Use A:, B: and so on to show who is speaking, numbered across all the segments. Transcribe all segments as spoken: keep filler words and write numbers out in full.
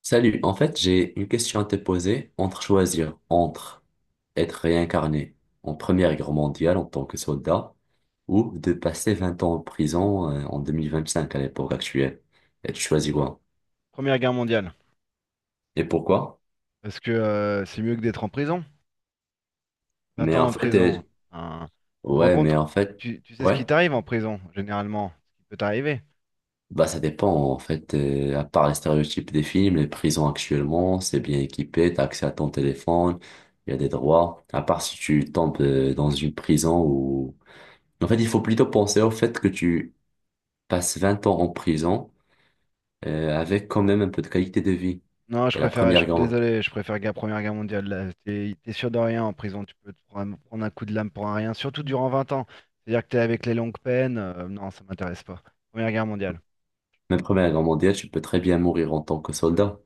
A: Salut, en fait, j'ai une question à te poser entre choisir entre être réincarné en Première Guerre mondiale en tant que soldat ou de passer vingt ans en prison euh, en deux mille vingt-cinq à l'époque actuelle. Et tu choisis quoi?
B: Première Guerre mondiale.
A: Et pourquoi?
B: Parce que euh, c'est mieux que d'être en prison. Vingt
A: Mais
B: ans
A: en
B: en
A: fait,
B: prison,
A: euh,
B: hein. Tu te rends
A: ouais,
B: compte,
A: mais en fait,
B: tu, tu sais ce qui
A: ouais,
B: t'arrive en prison, généralement, ce qui peut t'arriver.
A: bah ça dépend. En fait, euh, à part les stéréotypes des films, les prisons actuellement, c'est bien équipé, t'as accès à ton téléphone, il y a des droits. À part si tu tombes euh, dans une prison où... En fait, il faut plutôt penser au fait que tu passes vingt ans en prison, euh, avec quand même un peu de qualité de vie.
B: Non, je
A: Et la
B: préfère, je-
A: première grande,
B: désolé, je préfère guerre. Première Guerre mondiale, là. T'es, t'es sûr de rien en prison, tu peux te prendre, prendre un coup de lame pour un rien, surtout durant vingt ans. C'est-à-dire que t'es avec les longues peines, euh, non, ça m'intéresse pas. Première Guerre mondiale.
A: Même Première Guerre mondiale, tu peux très bien mourir en tant que soldat.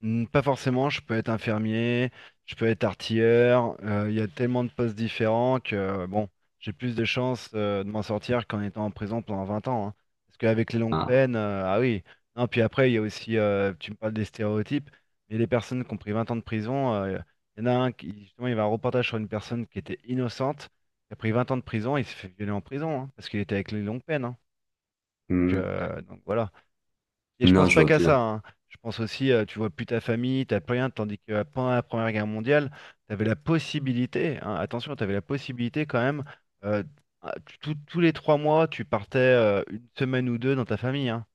B: Hmm, pas forcément, je peux être infirmier, je peux être artilleur, euh, il y a tellement de postes différents que euh, bon, j'ai plus de chances euh, de m'en sortir qu'en étant en prison pendant vingt ans, hein. Parce qu'avec les longues
A: Ah.
B: peines, euh, ah oui. Non, puis après, il y a aussi, euh, tu me parles des stéréotypes, mais les personnes qui ont pris vingt ans de prison, euh, il y en a un qui, justement, il y avait un reportage sur une personne qui était innocente, qui a pris vingt ans de prison, il s'est fait violer en prison, hein, parce qu'il était avec les longues peines, hein. Donc,
A: Hmm.
B: euh, donc voilà. Et je
A: Non,
B: pense
A: je
B: pas
A: vois
B: qu'à ça,
A: bien.
B: hein. Je pense aussi, euh, tu vois plus ta famille, t'as plus rien, tandis que euh, pendant la Première Guerre mondiale, t'avais la possibilité, hein, attention, t'avais la possibilité quand même, euh, ah, tu- tous tous les trois mois, tu partais euh, une semaine ou deux dans ta famille, hein.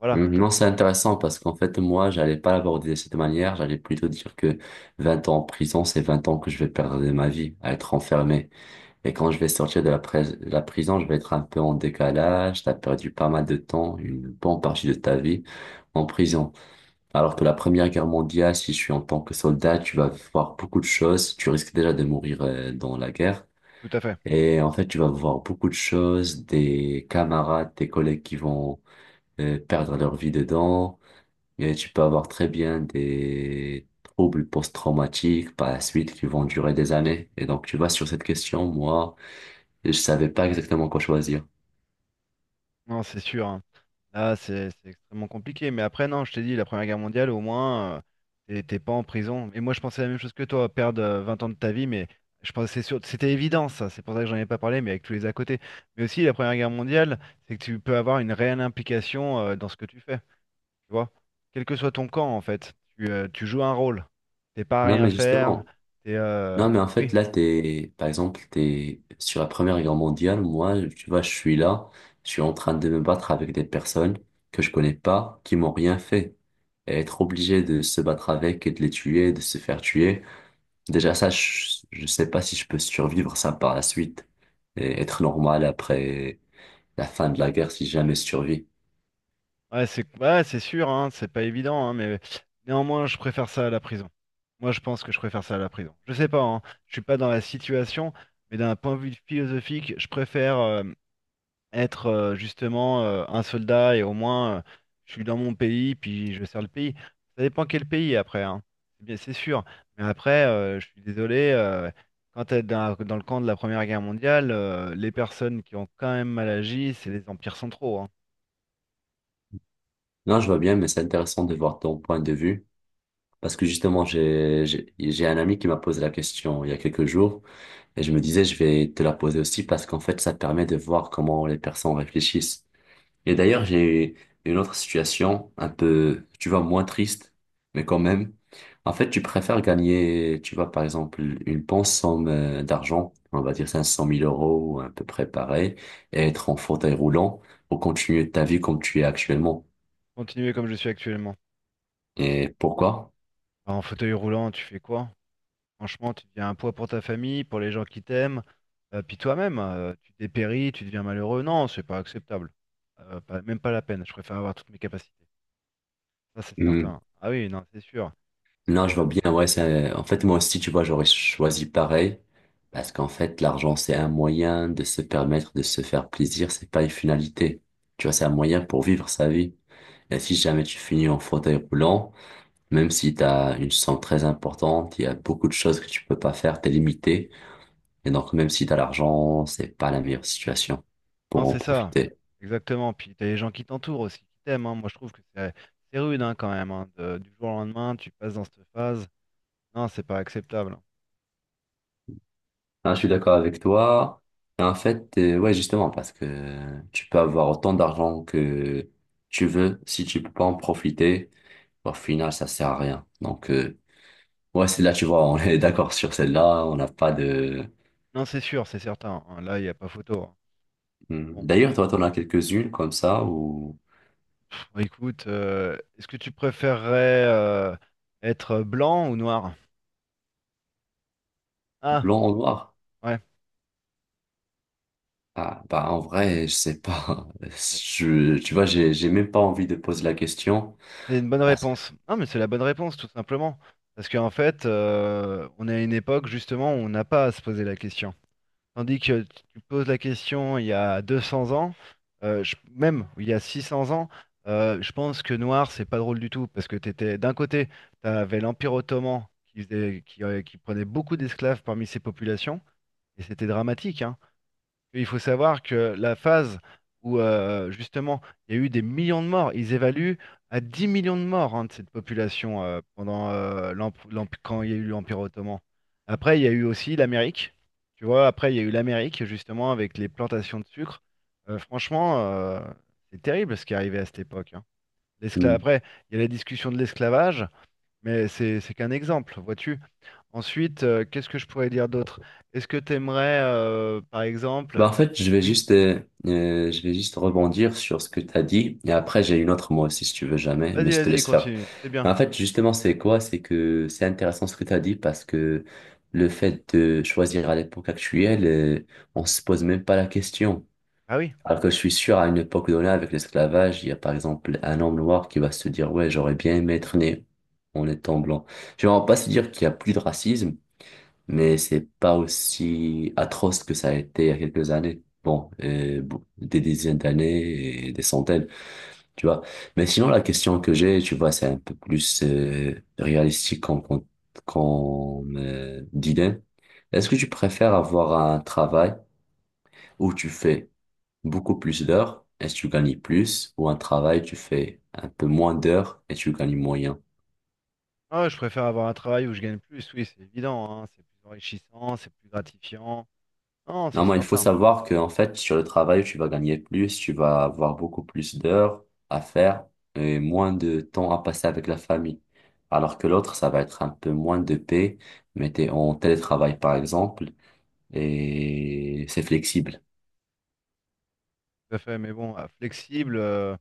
B: Voilà,
A: Hmm.
B: t'en-
A: Non, c'est intéressant parce qu'en fait, moi, j'allais pas l'aborder de cette manière. J'allais plutôt dire que vingt ans en prison, c'est vingt ans que je vais perdre de ma vie à être enfermé. Et quand je vais sortir de la, pres- de la prison, je vais être un peu en décalage. T'as perdu pas mal de temps, une bonne partie de ta vie en prison. Alors que la Première Guerre mondiale, si tu es en tant que soldat, tu vas voir beaucoup de choses. Tu risques déjà de mourir euh, dans la guerre.
B: tout à fait.
A: Et en fait, tu vas voir beaucoup de choses, des camarades, des collègues qui vont euh, perdre leur vie dedans. Et tu peux avoir très bien des troubles post-traumatiques par la suite qui vont durer des années. Et donc, tu vois, sur cette question, moi, je savais pas exactement quoi choisir.
B: Non, c'est sûr, hein. Là, c'est c'est extrêmement compliqué. Mais après, non, je t'ai dit, la Première Guerre mondiale, au moins, euh, t'es t'es pas en prison. Et moi, je pensais la même chose que toi, perdre euh, vingt ans de ta vie, mais je pensais c'est sûr, c'était évident, ça. C'est pour ça que j'en ai pas parlé, mais avec tous les à côté. Mais aussi, la Première Guerre mondiale, c'est que tu peux avoir une réelle implication euh, dans ce que tu fais. Tu vois? Quel que soit ton camp, en fait, tu, euh, tu joues un rôle. T'es pas à
A: Non,
B: rien
A: mais
B: faire.
A: justement.
B: T'es, euh,
A: Non, mais en
B: oui,
A: fait, là, t'es, par exemple, t'es sur la Première Guerre mondiale. Moi, tu vois, je suis là, je suis en train de me battre avec des personnes que je connais pas, qui m'ont rien fait. Et être obligé de se battre avec et de les tuer, de se faire tuer. Déjà, ça, je, je sais pas si je peux survivre ça par la suite et être normal après la fin de la guerre si jamais je survis.
B: ouais, c'est ouais, c'est sûr, hein, c'est pas évident, hein, mais néanmoins, je préfère ça à la prison. Moi, je pense que je préfère ça à la prison. Je sais pas, hein, je suis pas dans la situation, mais d'un point de vue philosophique, je préfère euh, être euh, justement euh, un soldat et au moins euh, je suis dans mon pays, puis je sers le pays. Ça dépend quel pays après, hein. C'est bien, c'est sûr. Mais après, euh, je suis désolé, euh, quand t'es dans, dans le camp de la Première Guerre mondiale, euh, les personnes qui ont quand même mal agi, c'est les empires centraux, hein.
A: Non, je vois bien, mais c'est intéressant de voir ton point de vue parce que justement, j'ai, j'ai j'ai un ami qui m'a posé la question il y a quelques jours. Et je me disais, je vais te la poser aussi parce qu'en fait, ça te permet de voir comment les personnes réfléchissent. Et d'ailleurs, j'ai une autre situation un peu, tu vois, moins triste, mais quand même. En fait, tu préfères gagner, tu vois, par exemple, une bonne somme euh, d'argent, on va dire cinq cent mille euros, à peu près pareil, et être en fauteuil roulant ou continuer ta vie comme tu es actuellement.
B: Continuez comme je suis actuellement.
A: Et pourquoi?
B: Bah, en fauteuil roulant, tu fais quoi? Franchement, tu deviens un poids pour ta famille, pour les gens qui t'aiment, euh, puis toi-même, euh, tu dépéris, tu deviens malheureux. Non, c'est pas acceptable. Euh, pas- même pas la peine. Je préfère avoir toutes mes capacités. Ça, c'est
A: Hmm.
B: certain. Ah oui, non, c'est sûr.
A: Non,
B: C'est,
A: je vois
B: euh,
A: bien,
B: c'est-
A: ouais, c'est, en fait, moi aussi, tu vois, j'aurais choisi pareil. Parce qu'en fait, l'argent, c'est un moyen de se permettre de se faire plaisir, c'est pas une finalité. Tu vois, c'est un moyen pour vivre sa vie. Et si jamais tu finis en fauteuil roulant, même si t'as une somme très importante, il y a beaucoup de choses que tu peux pas faire, t'es limité. Et donc, même si t'as l'argent, c'est pas la meilleure situation
B: Non,
A: pour en
B: c'est ça.
A: profiter.
B: Exactement. Puis t'as les gens qui t'entourent aussi, qui t'aiment, hein. Moi, je trouve que c'est c'est rude, hein, quand même, hein. De- Du jour au lendemain, tu passes dans cette phase. Non, c'est pas acceptable.
A: Ah, je suis d'accord avec toi. Et en fait, euh, ouais, justement, parce que tu peux avoir autant d'argent que tu veux, si tu peux pas en profiter, au final, ça sert à rien. Donc, euh, ouais, c'est là, tu vois, on est d'accord sur celle-là, on n'a pas de...
B: Non, c'est sûr, c'est certain, hein. Là, il n'y a pas photo, hein.
A: Hmm.
B: Bon.
A: D'ailleurs, toi, t'en as quelques-unes comme ça, ou
B: Bon, écoute, euh, est-ce que tu préférerais euh, être blanc ou noir? Ah,
A: blanc ou noir?
B: ouais,
A: Ah, bah, en vrai, je sais pas.
B: bon,
A: Je, tu vois, j'ai, j'ai même pas envie de poser la question,
B: c'est une bonne
A: parce que...
B: réponse. Non, mais c'est la bonne réponse, tout simplement. Parce qu'en fait, euh, on est à une époque, justement, où on n'a pas à se poser la question. Tandis que tu tu poses la question il y a deux cents ans, euh, je- même il y a six cents ans, euh, je pense que noir, c'est pas drôle du tout. Parce que t'étais, d'un côté, tu avais l'Empire ottoman qui faisait- qui, euh, qui prenait beaucoup d'esclaves parmi ses populations, et c'était dramatique, hein. Il faut savoir que la phase où euh, justement il y a eu des millions de morts, ils évaluent à dix millions de morts, hein, de cette population, euh, pendant euh, l'emp- l'emp- quand il y a eu l'Empire ottoman. Après, il y a eu aussi l'Amérique. Tu vois, après, il y a eu l'Amérique justement avec les plantations de sucre. Euh, franchement, euh, c'est terrible ce qui est arrivé à cette époque, hein. L'escla-
A: Hmm.
B: Après, il y a la discussion de l'esclavage, mais c'est c'est qu'un exemple, vois-tu. Ensuite, euh, qu'est-ce que je pourrais dire d'autre? Est-ce que tu aimerais, euh, par exemple,
A: Bah, en fait, je vais
B: oui.
A: juste, euh, euh, je vais juste rebondir sur ce que tu as dit. Et après, j'ai une autre moi aussi, si tu veux jamais, mais
B: Vas-y,
A: je te
B: vas-y,
A: laisse faire.
B: continue. C'est bien.
A: Mais en fait, justement, c'est quoi? C'est que c'est intéressant ce que tu as dit parce que le fait de choisir à l'époque actuelle, euh, on se pose même pas la question.
B: Ah oui.
A: Alors que je suis sûr, à une époque donnée, avec l'esclavage, il y a par exemple un homme noir qui va se dire, ouais, j'aurais bien aimé être né en étant blanc. Je ne vais pas se dire qu'il y a plus de racisme, mais c'est pas aussi atroce que ça a été il y a quelques années. Bon, euh, bon, des dizaines d'années et des centaines, tu vois. Mais sinon, la question que j'ai, tu vois, c'est un peu plus euh, réalistique qu'on qu'on qu'on me dilemme. Est-ce que tu préfères avoir un travail où tu fais beaucoup plus d'heures et tu gagnes plus, ou un travail où tu fais un peu moins d'heures et tu gagnes moyen?
B: Ah ouais, je préfère avoir un travail où je gagne plus, oui, c'est évident, hein. C'est plus enrichissant, c'est plus gratifiant. Non,
A: Non,
B: c'est
A: moi, il faut
B: certain.
A: savoir que, en fait, sur le travail, tu vas gagner plus, tu vas avoir beaucoup plus d'heures à faire et moins de temps à passer avec la famille. Alors que l'autre, ça va être un peu moins de paix, mais t'es en télétravail, par exemple, et c'est flexible.
B: Tout à fait, mais bon, ah, flexible. euh,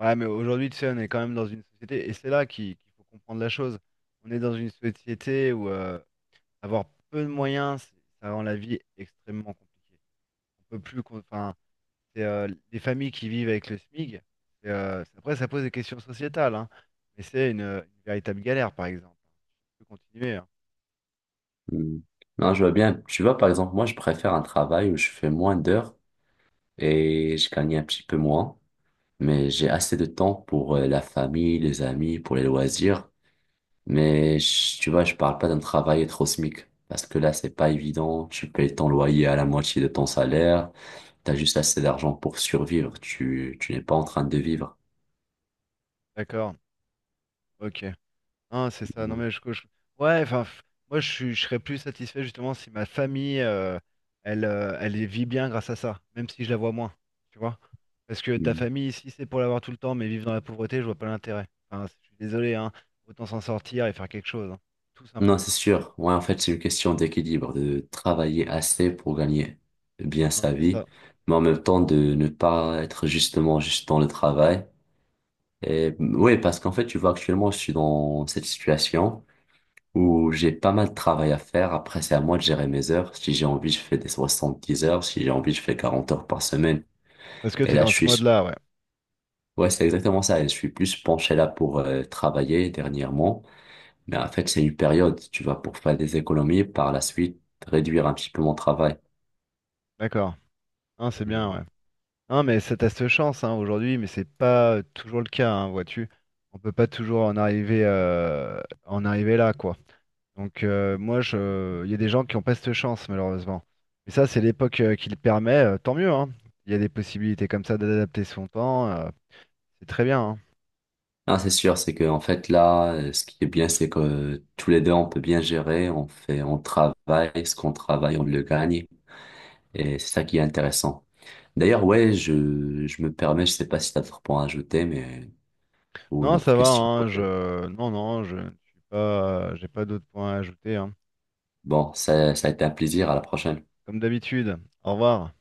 B: Ouais, mais aujourd'hui, tu sais, on est quand même dans une société, et c'est là qu'il qu'il faut comprendre la chose. On est dans une société où euh, avoir peu de moyens, c'est- ça rend la vie extrêmement compliquée. On peut plus, qu'on- enfin, c'est euh, les familles qui vivent avec le SMIG. Et, euh, c'est- après, ça pose des questions sociétales, hein. Mais c'est une, une véritable galère, par exemple. Je peux continuer, hein.
A: Hmm. Non, je vois bien. Tu vois, par exemple, moi, je préfère un travail où je fais moins d'heures et je gagne un petit peu moins, mais j'ai assez de temps pour euh, la famille, les amis, pour les loisirs. Mais je- tu vois, je parle pas d'un travail être au SMIC. Parce que là, c'est pas évident. Tu payes ton loyer à la moitié de ton salaire. T'as juste assez d'argent pour survivre. Tu, tu n'es pas en train de vivre.
B: D'accord, ok. Non, c'est ça. Non,
A: Mhm.
B: mais je, je- ouais, enfin, f- moi, je, suis- je serais plus satisfait justement si ma famille, euh, elle, euh, elle y vit bien grâce à ça, même si je la vois moins, tu vois. Parce que ta
A: Mhm.
B: famille, si c'est pour l'avoir tout le temps, mais vivre dans la pauvreté, je vois pas l'intérêt. Enfin, je suis désolé, hein. Autant s'en sortir et faire quelque chose, hein. Tout
A: Non,
B: simplement,
A: c'est
B: voilà.
A: sûr. Ouais, en fait, c'est une question d'équilibre, de travailler assez pour gagner bien
B: Hein,
A: sa
B: c'est
A: vie,
B: ça.
A: mais en même temps de ne pas être justement juste dans le travail. Et oui, parce qu'en fait, tu vois, actuellement, je suis dans cette situation, où j'ai pas mal de travail à faire. Après, c'est à moi de gérer mes heures. Si j'ai envie, je fais des soixante-dix heures. Si j'ai envie, je fais quarante heures par semaine.
B: Parce que
A: Et
B: tu es
A: là, je
B: dans ce
A: suis...
B: mode-là, ouais.
A: Ouais, c'est exactement ça. Et je suis plus penché là pour euh, travailler dernièrement. Mais en fait, c'est une période, tu vois, pour faire des économies, par la suite, réduire un petit peu mon travail.
B: D'accord. Hein, c'est bien,
A: Mhm.
B: ouais. Hein, mais ça, t'as cette chance, hein, aujourd'hui, mais c'est pas euh, toujours le cas, hein, vois-tu. On peut pas toujours en arriver, euh, en arriver là, quoi. Donc euh, moi, je, il y a des gens qui ont pas cette chance, malheureusement. Mais ça, c'est l'époque euh, qui le permet, euh, tant mieux, hein. Il y a des possibilités comme ça d'adapter son temps, euh, c'est très bien, hein.
A: Non, c'est sûr, c'est que en fait là, euh, ce qui est bien, c'est que euh, tous les deux, on peut bien gérer, on fait, on travaille, ce qu'on travaille, on le gagne, et c'est ça qui est intéressant. D'ailleurs, ouais, je, je me permets, je sais pas si t'as d'autres points à ajouter, mais, ou une
B: Non,
A: autre
B: ça va,
A: question à
B: hein,
A: poser.
B: je, non, non, je ne suis pas, j'ai pas d'autres points à ajouter, hein.
A: Bon, ça, ça a été un plaisir, à la prochaine.
B: Comme d'habitude. Au revoir.